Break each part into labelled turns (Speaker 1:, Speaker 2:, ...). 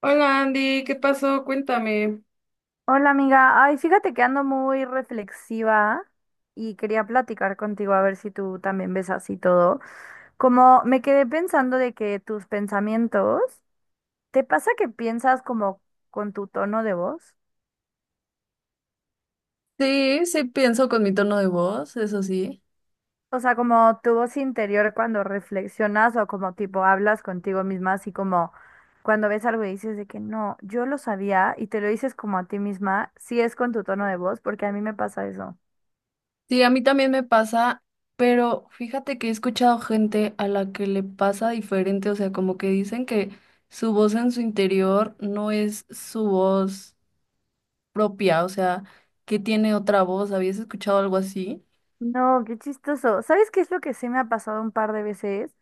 Speaker 1: Hola Andy, ¿qué pasó? Cuéntame.
Speaker 2: Hola amiga, ay, fíjate que ando muy reflexiva y quería platicar contigo a ver si tú también ves así todo. Como me quedé pensando de que tus pensamientos, ¿te pasa que piensas como con tu tono de voz?
Speaker 1: Sí, sí pienso con mi tono de voz, eso sí.
Speaker 2: O sea, como tu voz interior cuando reflexionas o como tipo hablas contigo misma, así como cuando ves algo y dices de que no, yo lo sabía y te lo dices como a ti misma, si es con tu tono de voz, porque a mí me pasa eso.
Speaker 1: Sí, a mí también me pasa, pero fíjate que he escuchado gente a la que le pasa diferente, o sea, como que dicen que su voz en su interior no es su voz propia, o sea, que tiene otra voz. ¿Habías escuchado algo así?
Speaker 2: No, qué chistoso. ¿Sabes qué es lo que sí me ha pasado un par de veces?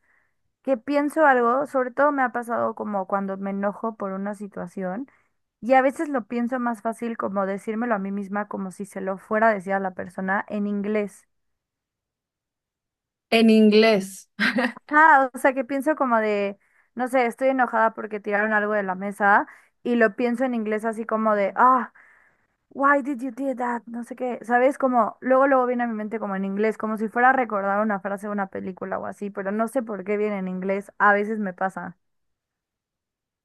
Speaker 2: Que pienso algo, sobre todo me ha pasado como cuando me enojo por una situación y a veces lo pienso más fácil como decírmelo a mí misma como si se lo fuera a decir a la persona en inglés.
Speaker 1: En inglés.
Speaker 2: Ah, o sea que pienso como de, no sé, estoy enojada porque tiraron algo de la mesa y lo pienso en inglés así como de, ah. Why did you do that? No sé qué, ¿sabes? Como, luego, luego viene a mi mente como en inglés, como si fuera a recordar una frase de una película o así, pero no sé por qué viene en inglés, a veces me pasa.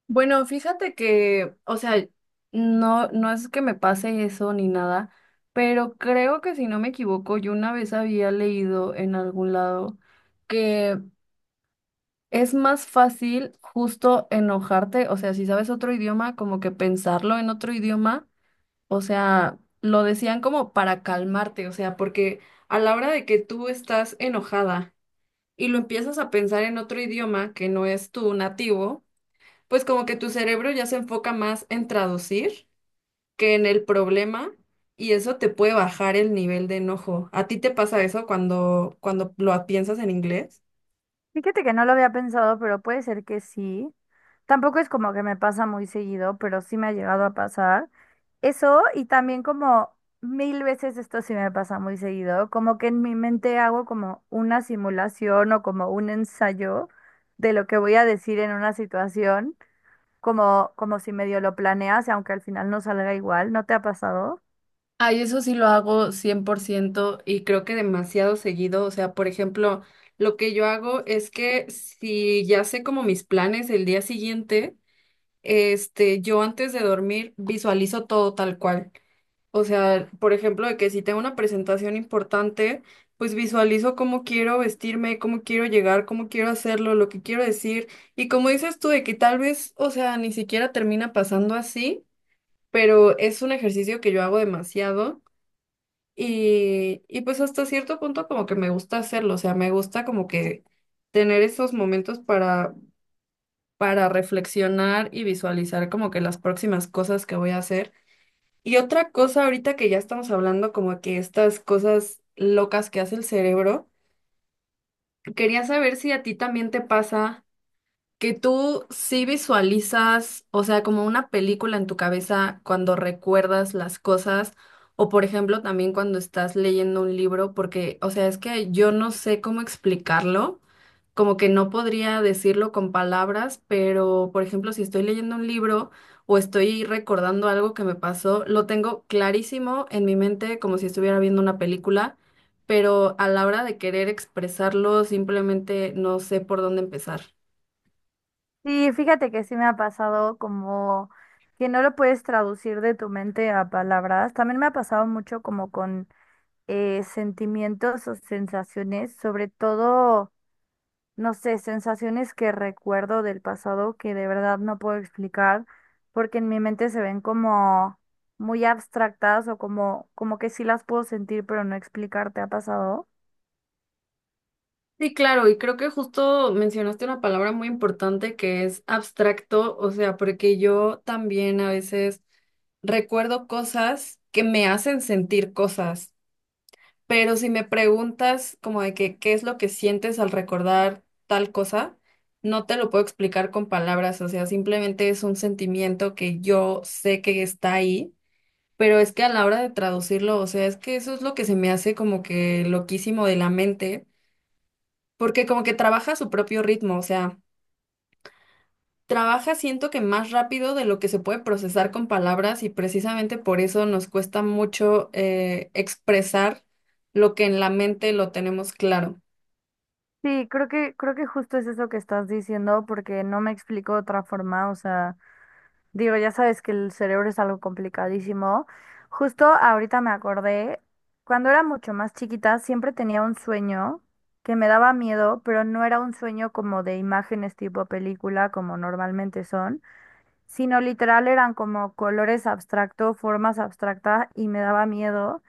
Speaker 1: Bueno, fíjate que, o sea, no es que me pase eso ni nada, pero creo que si no me equivoco, yo una vez había leído en algún lado que es más fácil justo enojarte, o sea, si sabes otro idioma, como que pensarlo en otro idioma, o sea, lo decían como para calmarte, o sea, porque a la hora de que tú estás enojada y lo empiezas a pensar en otro idioma que no es tu nativo, pues como que tu cerebro ya se enfoca más en traducir que en el problema y eso te puede bajar el nivel de enojo. ¿A ti te pasa eso cuando lo piensas en inglés?
Speaker 2: Fíjate que no lo había pensado, pero puede ser que sí. Tampoco es como que me pasa muy seguido, pero sí me ha llegado a pasar. Eso, y también como mil veces esto sí me pasa muy seguido, como que en mi mente hago como una simulación o como un ensayo de lo que voy a decir en una situación. Como, como si medio lo planeas y aunque al final no salga igual, ¿no te ha pasado?
Speaker 1: Ay, eso sí lo hago 100%. Y creo que demasiado seguido, o sea, por ejemplo, lo que yo hago es que si ya sé como mis planes el día siguiente, yo antes de dormir visualizo todo tal cual. O sea, por ejemplo, de que si tengo una presentación importante, pues visualizo cómo quiero vestirme, cómo quiero llegar, cómo quiero hacerlo, lo que quiero decir. Y como dices tú, de que tal vez, o sea, ni siquiera termina pasando así, pero es un ejercicio que yo hago demasiado y pues hasta cierto punto como que me gusta hacerlo, o sea, me gusta como que tener esos momentos para reflexionar y visualizar como que las próximas cosas que voy a hacer. Y otra cosa, ahorita que ya estamos hablando como que estas cosas locas que hace el cerebro, quería saber si a ti también te pasa. Que tú sí visualizas, o sea, como una película en tu cabeza cuando recuerdas las cosas, o por ejemplo también cuando estás leyendo un libro, porque, o sea, es que yo no sé cómo explicarlo, como que no podría decirlo con palabras, pero por ejemplo, si estoy leyendo un libro o estoy recordando algo que me pasó, lo tengo clarísimo en mi mente como si estuviera viendo una película, pero a la hora de querer expresarlo, simplemente no sé por dónde empezar.
Speaker 2: Sí, fíjate que sí me ha pasado como que no lo puedes traducir de tu mente a palabras. También me ha pasado mucho como con sentimientos o sensaciones, sobre todo, no sé, sensaciones que recuerdo del pasado que de verdad no puedo explicar porque en mi mente se ven como muy abstractas o como, como que sí las puedo sentir pero no explicar. ¿Te ha pasado?
Speaker 1: Sí, claro, y creo que justo mencionaste una palabra muy importante que es abstracto, o sea, porque yo también a veces recuerdo cosas que me hacen sentir cosas, pero si me preguntas como de que qué es lo que sientes al recordar tal cosa, no te lo puedo explicar con palabras, o sea, simplemente es un sentimiento que yo sé que está ahí, pero es que a la hora de traducirlo, o sea, es que eso es lo que se me hace como que loquísimo de la mente porque como que trabaja a su propio ritmo, o sea, trabaja siento que más rápido de lo que se puede procesar con palabras y precisamente por eso nos cuesta mucho expresar lo que en la mente lo tenemos claro.
Speaker 2: Sí, creo que justo es eso que estás diciendo, porque no me explico de otra forma. O sea, digo, ya sabes que el cerebro es algo complicadísimo. Justo ahorita me acordé, cuando era mucho más chiquita, siempre tenía un sueño que me daba miedo, pero no era un sueño como de imágenes tipo película, como normalmente son, sino literal eran como colores abstractos, formas abstractas, y me daba miedo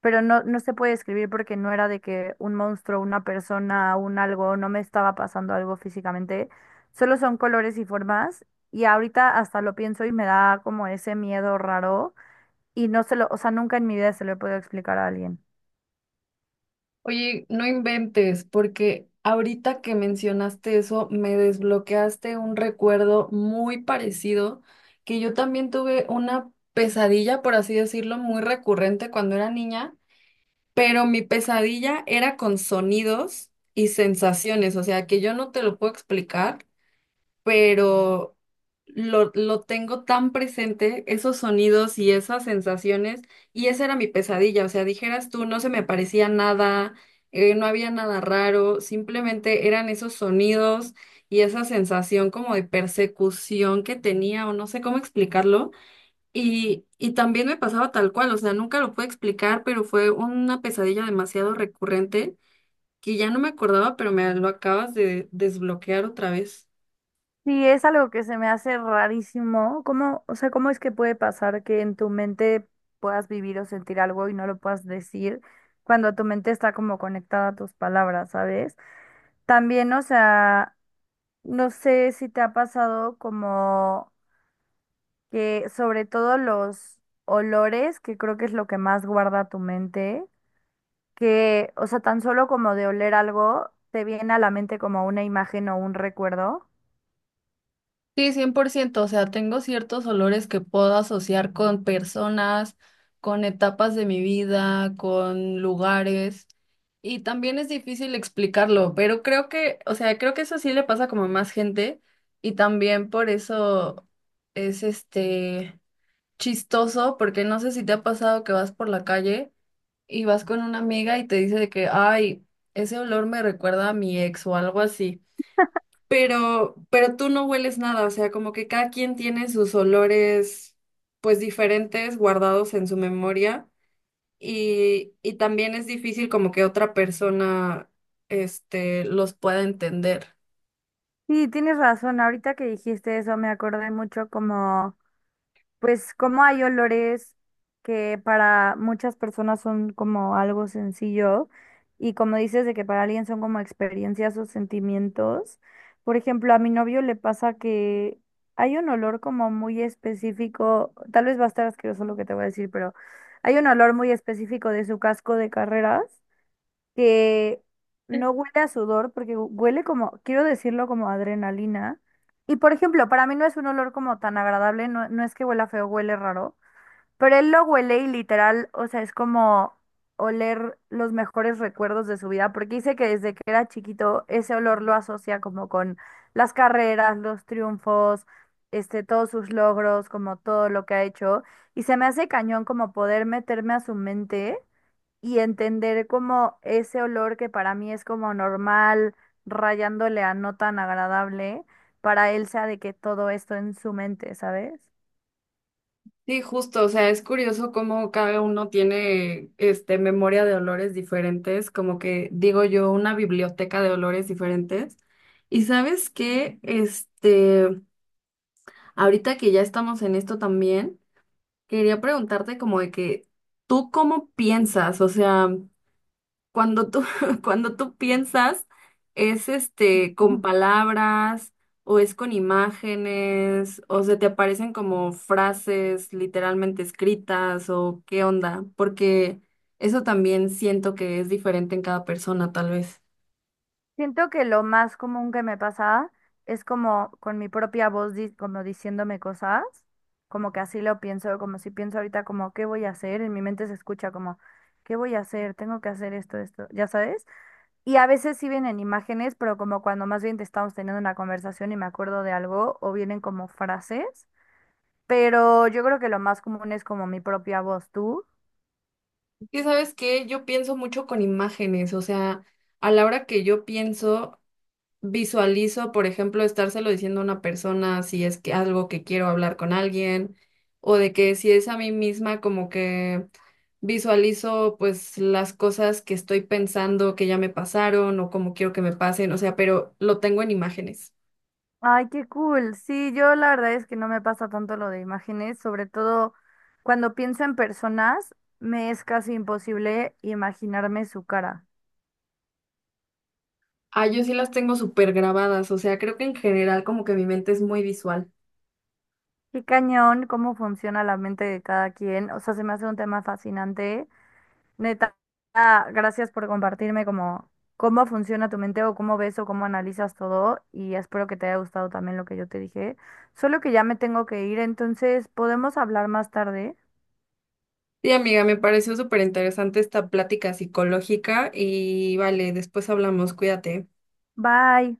Speaker 2: pero no, no se puede describir porque no era de que un monstruo, una persona, un algo, no me estaba pasando algo físicamente, solo son colores y formas y ahorita hasta lo pienso y me da como ese miedo raro y no se lo, o sea, nunca en mi vida se lo he podido explicar a alguien.
Speaker 1: Oye, no inventes, porque ahorita que mencionaste eso, me desbloqueaste un recuerdo muy parecido que yo también tuve una pesadilla, por así decirlo, muy recurrente cuando era niña. Pero mi pesadilla era con sonidos y sensaciones, o sea, que yo no te lo puedo explicar, pero lo tengo tan presente, esos sonidos y esas sensaciones, y esa era mi pesadilla, o sea, dijeras tú, no se me parecía nada, no había nada raro, simplemente eran esos sonidos y esa sensación como de persecución que tenía, o no sé cómo explicarlo y también me pasaba tal cual, o sea, nunca lo pude explicar, pero fue una pesadilla demasiado recurrente que ya no me acordaba, pero me lo acabas de desbloquear otra vez.
Speaker 2: Sí, es algo que se me hace rarísimo. ¿Cómo, o sea, cómo es que puede pasar que en tu mente puedas vivir o sentir algo y no lo puedas decir cuando tu mente está como conectada a tus palabras, sabes? También, o sea, no sé si te ha pasado como que sobre todo los olores, que creo que es lo que más guarda tu mente, que, o sea, tan solo como de oler algo, te viene a la mente como una imagen o un recuerdo.
Speaker 1: Sí, 100%, o sea, tengo ciertos olores que puedo asociar con personas, con etapas de mi vida, con lugares, y también es difícil explicarlo, pero creo que, o sea, creo que eso sí le pasa como a más gente, y también por eso es chistoso porque no sé si te ha pasado que vas por la calle y vas con una amiga y te dice de que, ay, ese olor me recuerda a mi ex o algo así. Pero tú no hueles nada, o sea, como que cada quien tiene sus olores, pues diferentes, guardados en su memoria. Y también es difícil como que otra persona, los pueda entender.
Speaker 2: Sí, tienes razón, ahorita que dijiste eso me acordé mucho como pues como hay olores que para muchas personas son como algo sencillo y como dices de que para alguien son como experiencias o sentimientos. Por ejemplo, a mi novio le pasa que hay un olor como muy específico, tal vez va a estar asqueroso lo que te voy a decir, pero hay un olor muy específico de su casco de carreras que no huele a sudor, porque huele como, quiero decirlo como adrenalina. Y por ejemplo, para mí no es un olor como tan agradable, no, no es que huela feo, huele raro, pero él lo huele y literal, o sea, es como oler los mejores recuerdos de su vida, porque dice que desde que era chiquito ese olor lo asocia como con las carreras, los triunfos, este, todos sus logros, como todo lo que ha hecho, y se me hace cañón como poder meterme a su mente y entender como ese olor que para mí es como normal, rayándole a no tan agradable, para él sea de que todo esto en su mente, ¿sabes?
Speaker 1: Sí, justo, o sea, es curioso cómo cada uno tiene este memoria de olores diferentes, como que digo yo, una biblioteca de olores diferentes. Y sabes qué, ahorita que ya estamos en esto también, quería preguntarte como de que tú cómo piensas, o sea, cuando tú, cuando tú piensas, es con
Speaker 2: Ujú.
Speaker 1: palabras o es con imágenes o se te aparecen como frases literalmente escritas o qué onda, porque eso también siento que es diferente en cada persona, tal vez.
Speaker 2: Siento que lo más común que me pasa es como con mi propia voz, como diciéndome cosas, como que así lo pienso, como si pienso ahorita como, ¿qué voy a hacer? En mi mente se escucha como, ¿qué voy a hacer? Tengo que hacer esto, esto, ¿ya sabes? Y a veces sí vienen imágenes, pero como cuando más bien te estamos teniendo una conversación y me acuerdo de algo, o vienen como frases, pero yo creo que lo más común es como mi propia voz, ¿tú?
Speaker 1: Y sabes que yo pienso mucho con imágenes, o sea, a la hora que yo pienso visualizo, por ejemplo, estárselo diciendo a una persona si es que algo que quiero hablar con alguien, o de que si es a mí misma, como que visualizo pues las cosas que estoy pensando que ya me pasaron o como quiero que me pasen, o sea, pero lo tengo en imágenes.
Speaker 2: Ay, qué cool. Sí, yo la verdad es que no me pasa tanto lo de imágenes, sobre todo cuando pienso en personas, me es casi imposible imaginarme su cara.
Speaker 1: Ah, yo sí las tengo súper grabadas, o sea, creo que en general como que mi mente es muy visual.
Speaker 2: Qué cañón, cómo funciona la mente de cada quien. O sea, se me hace un tema fascinante. Neta, ah, gracias por compartirme cómo funciona tu mente o cómo ves o cómo analizas todo y espero que te haya gustado también lo que yo te dije. Solo que ya me tengo que ir, entonces podemos hablar más tarde.
Speaker 1: Sí, amiga, me pareció súper interesante esta plática psicológica y vale, después hablamos, cuídate.
Speaker 2: Bye.